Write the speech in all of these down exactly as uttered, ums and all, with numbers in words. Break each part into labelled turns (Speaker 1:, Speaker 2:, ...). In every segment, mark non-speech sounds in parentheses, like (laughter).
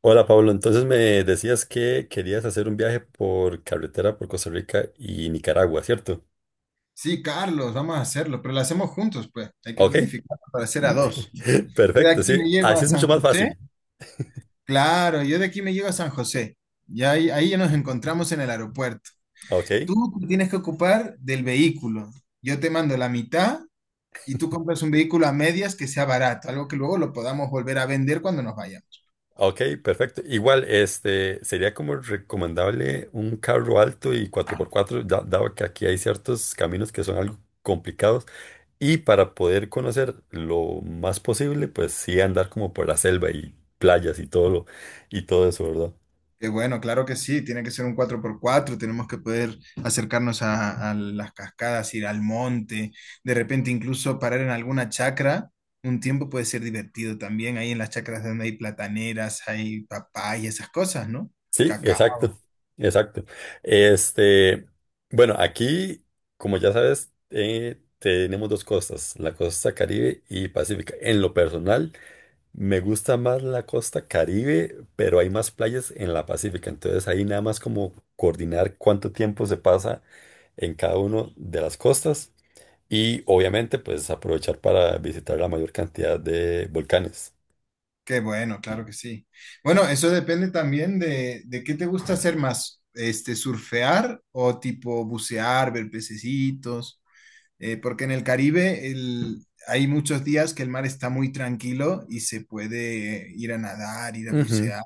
Speaker 1: Hola Pablo, entonces me decías que querías hacer un viaje por carretera por Costa Rica y Nicaragua, ¿cierto?
Speaker 2: Sí, Carlos, vamos a hacerlo, pero lo hacemos juntos, pues. Hay que
Speaker 1: Ok,
Speaker 2: planificar para hacer
Speaker 1: (laughs)
Speaker 2: a dos. Yo de
Speaker 1: perfecto,
Speaker 2: aquí
Speaker 1: sí,
Speaker 2: me llevo
Speaker 1: así
Speaker 2: a
Speaker 1: es mucho
Speaker 2: San
Speaker 1: más
Speaker 2: José.
Speaker 1: fácil.
Speaker 2: Claro, yo de aquí me llevo a San José. Ya ahí, ahí ya nos encontramos en el aeropuerto.
Speaker 1: Ok,
Speaker 2: Tú te tienes que ocupar del vehículo. Yo te mando la mitad y tú compras un vehículo a medias que sea barato, algo que luego lo podamos volver a vender cuando nos vayamos.
Speaker 1: ok, perfecto. Igual, este, sería como recomendable un carro alto y cuatro por cuatro, da- dado que aquí hay ciertos caminos que son algo complicados y para poder conocer lo más posible, pues sí andar como por la selva y playas y todo lo, y todo eso, ¿verdad?
Speaker 2: Qué bueno, claro que sí, tiene que ser un cuatro por cuatro. Tenemos que poder acercarnos a, a las cascadas, ir al monte, de repente incluso parar en alguna chacra, un tiempo puede ser divertido también, ahí en las chacras donde hay plataneras, hay papaya, esas cosas, ¿no?
Speaker 1: Sí, exacto,
Speaker 2: Cacao,
Speaker 1: exacto. Este, bueno, aquí, como ya sabes, eh, tenemos dos costas, la costa Caribe y Pacífica. En lo personal, me gusta más la costa Caribe, pero hay más playas en la Pacífica. Entonces ahí nada más como coordinar cuánto tiempo se pasa en cada uno de las costas y obviamente pues aprovechar para visitar la mayor cantidad de volcanes.
Speaker 2: qué bueno, claro que sí. Bueno, eso depende también de, de qué te gusta hacer más, este, surfear o tipo bucear, ver pececitos. Eh, porque en el Caribe el- hay muchos días que el mar está muy tranquilo y se puede ir a nadar, ir a
Speaker 1: Ujú.
Speaker 2: bucear,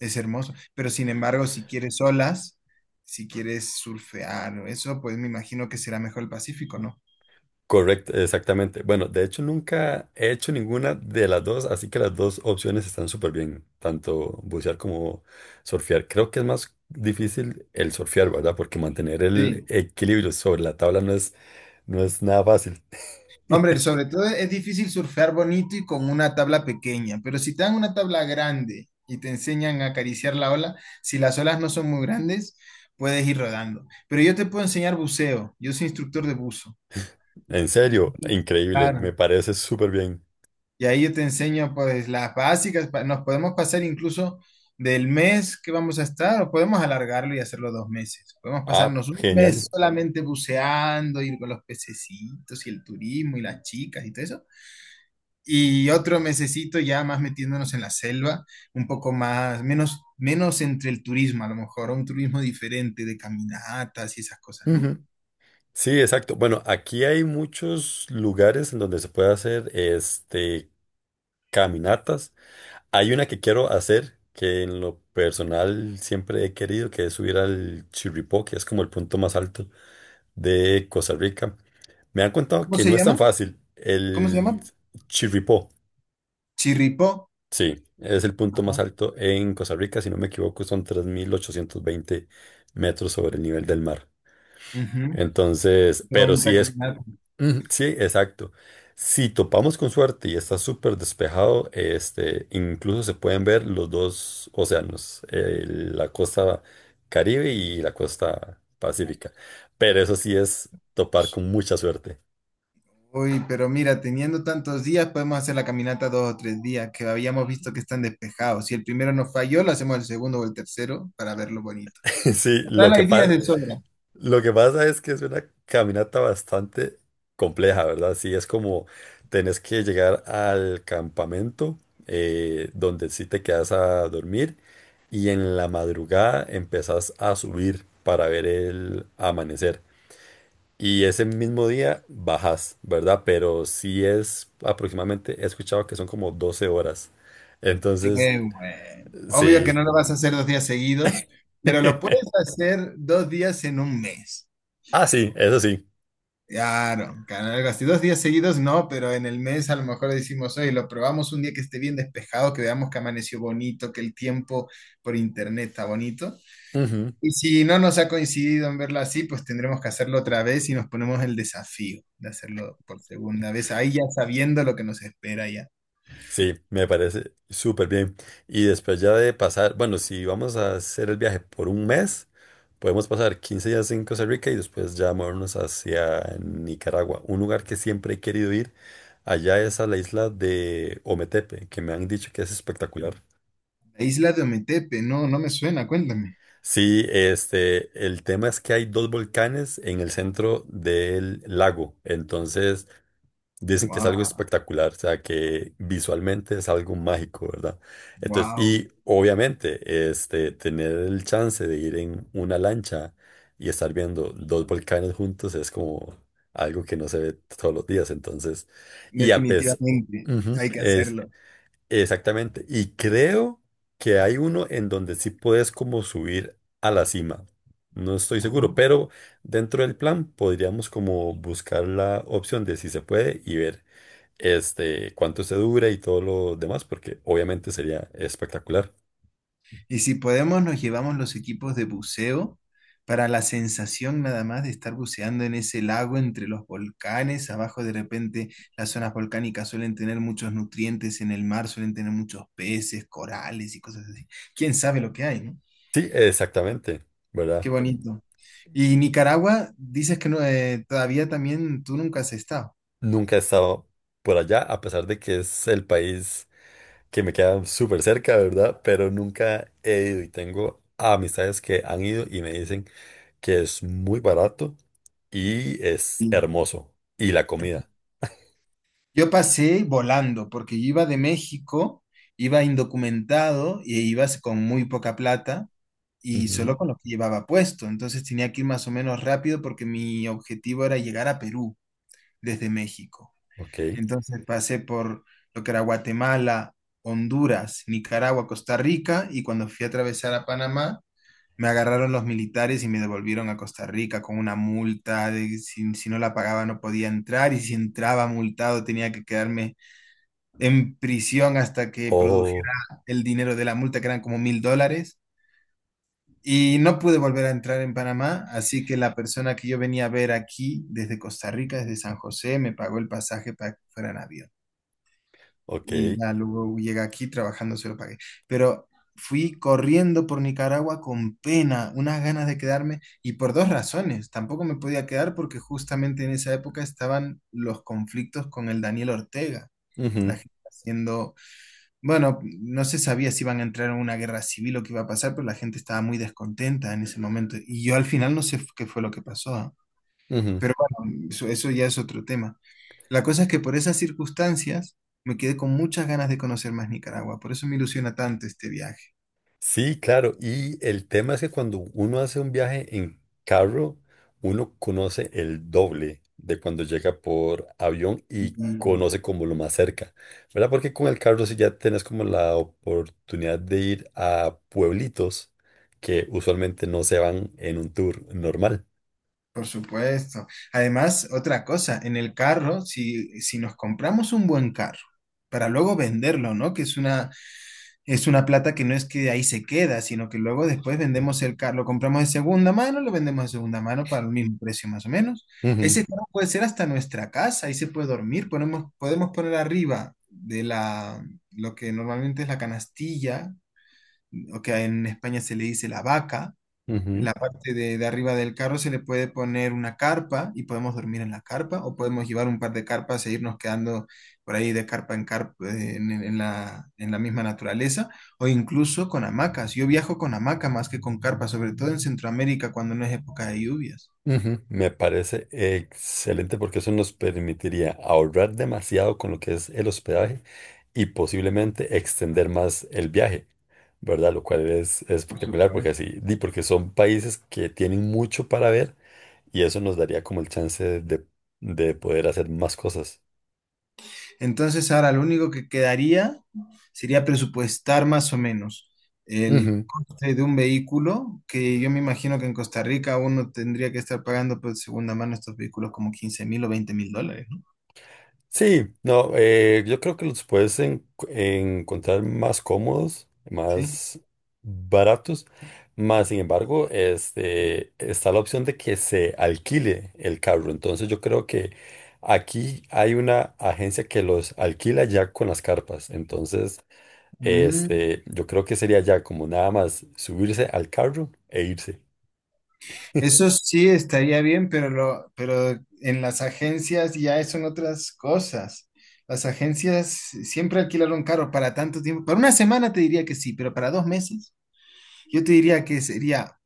Speaker 2: es hermoso. Pero sin embargo, si quieres olas, si quieres surfear o eso, pues me imagino que será mejor el Pacífico, ¿no?
Speaker 1: Correcto, exactamente. Bueno, de hecho nunca he hecho ninguna de las dos, así que las dos opciones están súper bien, tanto bucear como surfear. Creo que es más difícil el surfear, ¿verdad? Porque mantener el
Speaker 2: Sí.
Speaker 1: equilibrio sobre la tabla no es, no es nada fácil. (laughs)
Speaker 2: Hombre, sobre todo es difícil surfear bonito y con una tabla pequeña, pero si te dan una tabla grande y te enseñan a acariciar la ola, si las olas no son muy grandes, puedes ir rodando. Pero yo te puedo enseñar buceo, yo soy instructor de buzo.
Speaker 1: En serio, increíble, me
Speaker 2: Claro.
Speaker 1: parece súper bien.
Speaker 2: Y ahí yo te enseño pues las básicas. pa- Nos podemos pasar incluso del mes que vamos a estar o podemos alargarlo y hacerlo dos meses. Podemos
Speaker 1: Ah,
Speaker 2: pasarnos un
Speaker 1: genial.
Speaker 2: mes solamente buceando, ir con los pececitos y el turismo y las chicas y todo eso. Y otro mesecito ya más metiéndonos en la selva, un poco más, menos, menos entre el turismo, a lo mejor un turismo diferente de caminatas y esas cosas, ¿no?
Speaker 1: Ujú. Sí, exacto. Bueno, aquí hay muchos lugares en donde se puede hacer este caminatas. Hay una que quiero hacer que en lo personal siempre he querido, que es subir al Chirripó, que es como el punto más alto de Costa Rica. Me han contado
Speaker 2: ¿Cómo
Speaker 1: que
Speaker 2: se
Speaker 1: no es tan
Speaker 2: llama?
Speaker 1: fácil.
Speaker 2: ¿Cómo se
Speaker 1: El
Speaker 2: llama?
Speaker 1: Chirripó,
Speaker 2: Chirripó.
Speaker 1: sí, es el punto más
Speaker 2: Ajá.
Speaker 1: alto en Costa Rica, si no me equivoco, son tres mil ochocientos veinte metros sobre el nivel del mar.
Speaker 2: Ujú.
Speaker 1: Entonces,
Speaker 2: Qué
Speaker 1: pero
Speaker 2: bonita
Speaker 1: sí es,
Speaker 2: caminata.
Speaker 1: mm, sí, exacto. Si topamos con suerte y está súper despejado, este, incluso se pueden ver los dos océanos, eh, la costa Caribe y la costa Pacífica. Pero eso sí es topar con mucha suerte.
Speaker 2: Uy, pero mira, teniendo tantos días, podemos hacer la caminata dos o tres días, que habíamos visto que están despejados. Si el primero nos falló, lo hacemos el segundo o el tercero para verlo bonito.
Speaker 1: (laughs) Sí, lo
Speaker 2: Total,
Speaker 1: que
Speaker 2: hay días
Speaker 1: pasa,
Speaker 2: de sobra.
Speaker 1: lo que pasa es que es una caminata bastante compleja, ¿verdad? Sí, es como tenés que llegar al campamento, eh, donde sí te quedas a dormir, y en la madrugada empezás a subir para ver el amanecer. Y ese mismo día bajas, ¿verdad? Pero sí es aproximadamente, he escuchado que son como doce horas.
Speaker 2: Qué
Speaker 1: Entonces,
Speaker 2: bueno. Obvio que
Speaker 1: sí.
Speaker 2: no lo vas a hacer dos días seguidos, pero lo puedes hacer dos días en un mes.
Speaker 1: Ah, sí, eso sí.
Speaker 2: Claro, claro, algo así. Dos días seguidos no, pero en el mes a lo mejor decimos, oye, lo probamos un día que esté bien despejado, que veamos que amaneció bonito, que el tiempo por internet está bonito. Y si no nos ha coincidido en verla así, pues tendremos que hacerlo otra vez y nos ponemos el desafío de hacerlo por segunda vez, ahí ya sabiendo lo que nos espera ya.
Speaker 1: Sí, me parece súper bien. Y después ya de pasar, bueno, si vamos a hacer el viaje por un mes, podemos pasar quince días en Costa Rica y después ya movernos hacia Nicaragua, un lugar que siempre he querido ir. Allá es a la isla de Ometepe, que me han dicho que es espectacular.
Speaker 2: La isla de Ometepe, no, no me suena, cuéntame.
Speaker 1: Sí, este, el tema es que hay dos volcanes en el centro del lago, entonces dicen que es algo
Speaker 2: Wow,
Speaker 1: espectacular, o sea, que visualmente es algo mágico, ¿verdad? Entonces,
Speaker 2: wow,
Speaker 1: y obviamente, este, tener el chance de ir en una lancha y estar viendo dos volcanes juntos es como algo que no se ve todos los días, entonces, y a pesar,
Speaker 2: definitivamente hay que
Speaker 1: es
Speaker 2: hacerlo.
Speaker 1: exactamente, y creo que hay uno en donde sí puedes como subir a la cima. No estoy
Speaker 2: Ajá.
Speaker 1: seguro, pero dentro del plan podríamos como buscar la opción de si se puede y ver, este, cuánto se dura y todo lo demás, porque obviamente sería espectacular.
Speaker 2: Y si podemos, nos llevamos los equipos de buceo para la sensación nada más de estar buceando en ese lago entre los volcanes. Abajo de repente las zonas volcánicas suelen tener muchos nutrientes en el mar, suelen tener muchos peces, corales y cosas así. ¿Quién sabe lo que hay, no?
Speaker 1: Sí, exactamente,
Speaker 2: Qué
Speaker 1: ¿verdad?
Speaker 2: bonito. Y Nicaragua, dices que no, eh, todavía también tú nunca has estado.
Speaker 1: Nunca he estado por allá, a pesar de que es el país que me queda súper cerca, ¿verdad? Pero nunca he ido y tengo amistades que han ido y me dicen que es muy barato y es hermoso. Y la comida.
Speaker 2: Yo pasé volando porque yo iba de México, iba indocumentado y iba con muy poca plata y
Speaker 1: Ujú,
Speaker 2: solo con lo que llevaba puesto. Entonces tenía que ir más o menos rápido porque mi objetivo era llegar a Perú desde México.
Speaker 1: ok.
Speaker 2: Entonces pasé por lo que era Guatemala, Honduras, Nicaragua, Costa Rica y cuando fui a atravesar a Panamá, me agarraron los militares y me devolvieron a Costa Rica con una multa de si, si no la pagaba no podía entrar y si entraba multado tenía que quedarme en prisión hasta que
Speaker 1: Oh,
Speaker 2: produjera el dinero de la multa, que eran como mil dólares. Y no pude volver a entrar en Panamá, así que la persona que yo venía a ver aquí desde Costa Rica, desde San José, me pagó el pasaje para que fuera en avión.
Speaker 1: ok.
Speaker 2: Y ya luego llegué aquí trabajando, se lo pagué. Pero fui corriendo por Nicaragua con pena, unas ganas de quedarme, y por dos razones. Tampoco me podía quedar porque justamente en esa época estaban los conflictos con el Daniel Ortega, la
Speaker 1: Ujú,
Speaker 2: gente haciendo, bueno, no se sabía si iban a entrar en una guerra civil o qué iba a pasar, pero la gente estaba muy descontenta en ese momento. Y yo al final no sé f- qué fue lo que pasó. ¿Ah?
Speaker 1: ujú.
Speaker 2: Pero bueno, eso, eso ya es otro tema. La cosa es que por esas circunstancias me quedé con muchas ganas de conocer más Nicaragua. Por eso me ilusiona tanto este viaje.
Speaker 1: Sí, claro. Y el tema es que cuando uno hace un viaje en carro, uno conoce el doble de cuando llega por avión
Speaker 2: Y,
Speaker 1: y conoce como lo más cerca, ¿verdad? Porque con el carro sí ya tenés como la oportunidad de ir a pueblitos que usualmente no se van en un tour normal.
Speaker 2: por supuesto. Además, otra cosa, en el carro, si, si nos compramos un buen carro, para luego venderlo, ¿no? Que es una, Es una plata que no es que ahí se queda, sino que luego después vendemos el carro, lo compramos de segunda mano, lo vendemos de segunda mano para el mismo precio más o menos.
Speaker 1: Ujú,
Speaker 2: Ese carro puede ser hasta nuestra casa, ahí se puede dormir, ponemos, podemos poner arriba de la, lo que normalmente es la canastilla, o que en España se le dice la vaca,
Speaker 1: ujú,
Speaker 2: la parte de, de arriba del carro se le puede poner una carpa y podemos dormir en la carpa o podemos llevar un par de carpas e irnos quedando por ahí de carpa en carpa, eh, en, en la, en la misma naturaleza o incluso con hamacas. Yo viajo con hamaca más que con carpa, sobre todo en Centroamérica cuando no es época de lluvias.
Speaker 1: ujú. Me parece excelente porque eso nos permitiría ahorrar demasiado con lo que es el hospedaje y posiblemente extender más el viaje, ¿verdad? Lo cual es, es
Speaker 2: Por
Speaker 1: espectacular porque
Speaker 2: supuesto.
Speaker 1: así, di, porque son países que tienen mucho para ver y eso nos daría como el chance de, de poder hacer más cosas.
Speaker 2: Entonces, ahora lo único que quedaría sería presupuestar más o menos el coste de un vehículo, que yo me imagino que en Costa Rica uno tendría que estar pagando por segunda mano estos vehículos como quince mil o veinte mil dólares, ¿no?
Speaker 1: Sí, no, eh, yo creo que los puedes en- encontrar más cómodos,
Speaker 2: Sí.
Speaker 1: más baratos, más sin embargo, este, está la opción de que se alquile el carro. Entonces yo creo que aquí hay una agencia que los alquila ya con las carpas. Entonces,
Speaker 2: Mm,
Speaker 1: este, yo creo que sería ya como nada más subirse al carro e irse
Speaker 2: eso sí estaría bien, pero, lo, pero en las agencias ya son otras cosas. Las agencias siempre alquilaron carro para tanto tiempo. Para una semana te diría que sí, pero para dos meses yo te diría que sería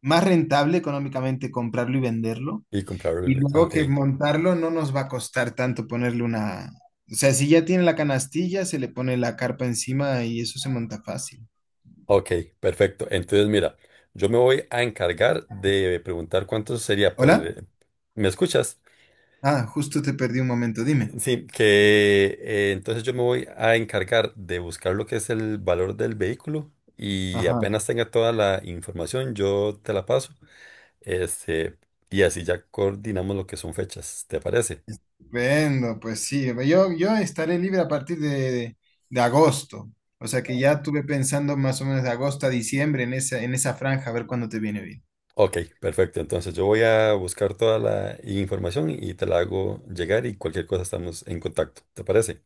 Speaker 2: más rentable económicamente comprarlo y venderlo.
Speaker 1: y comprarlo.
Speaker 2: Y
Speaker 1: Ah,
Speaker 2: luego
Speaker 1: ok.
Speaker 2: que montarlo no nos va a costar tanto ponerle una... O sea, si ya tiene la canastilla, se le pone la carpa encima y eso se monta fácil.
Speaker 1: Ok, perfecto. Entonces, mira, yo me voy a encargar de preguntar cuánto sería por...
Speaker 2: ¿Hola?
Speaker 1: el- ¿Me escuchas?
Speaker 2: Ah, justo te perdí un momento, dime.
Speaker 1: Sí, que eh, entonces yo me voy a encargar de buscar lo que es el valor del vehículo y
Speaker 2: Ajá.
Speaker 1: apenas tenga toda la información, yo te la paso. Este, y así ya coordinamos lo que son fechas, ¿te parece?
Speaker 2: Vendo, pues sí. Yo, yo estaré libre a partir de, de agosto. O sea que ya estuve pensando más o menos de agosto a diciembre en esa, en esa franja, a ver cuándo te viene bien.
Speaker 1: Ok, perfecto. Entonces yo voy a buscar toda la información y te la hago llegar y cualquier cosa estamos en contacto, ¿te parece?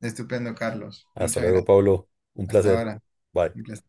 Speaker 2: Estupendo, Carlos.
Speaker 1: Hasta
Speaker 2: Muchas
Speaker 1: luego,
Speaker 2: gracias.
Speaker 1: Pablo. Un
Speaker 2: Hasta
Speaker 1: placer.
Speaker 2: ahora.
Speaker 1: Bye.
Speaker 2: Un placer.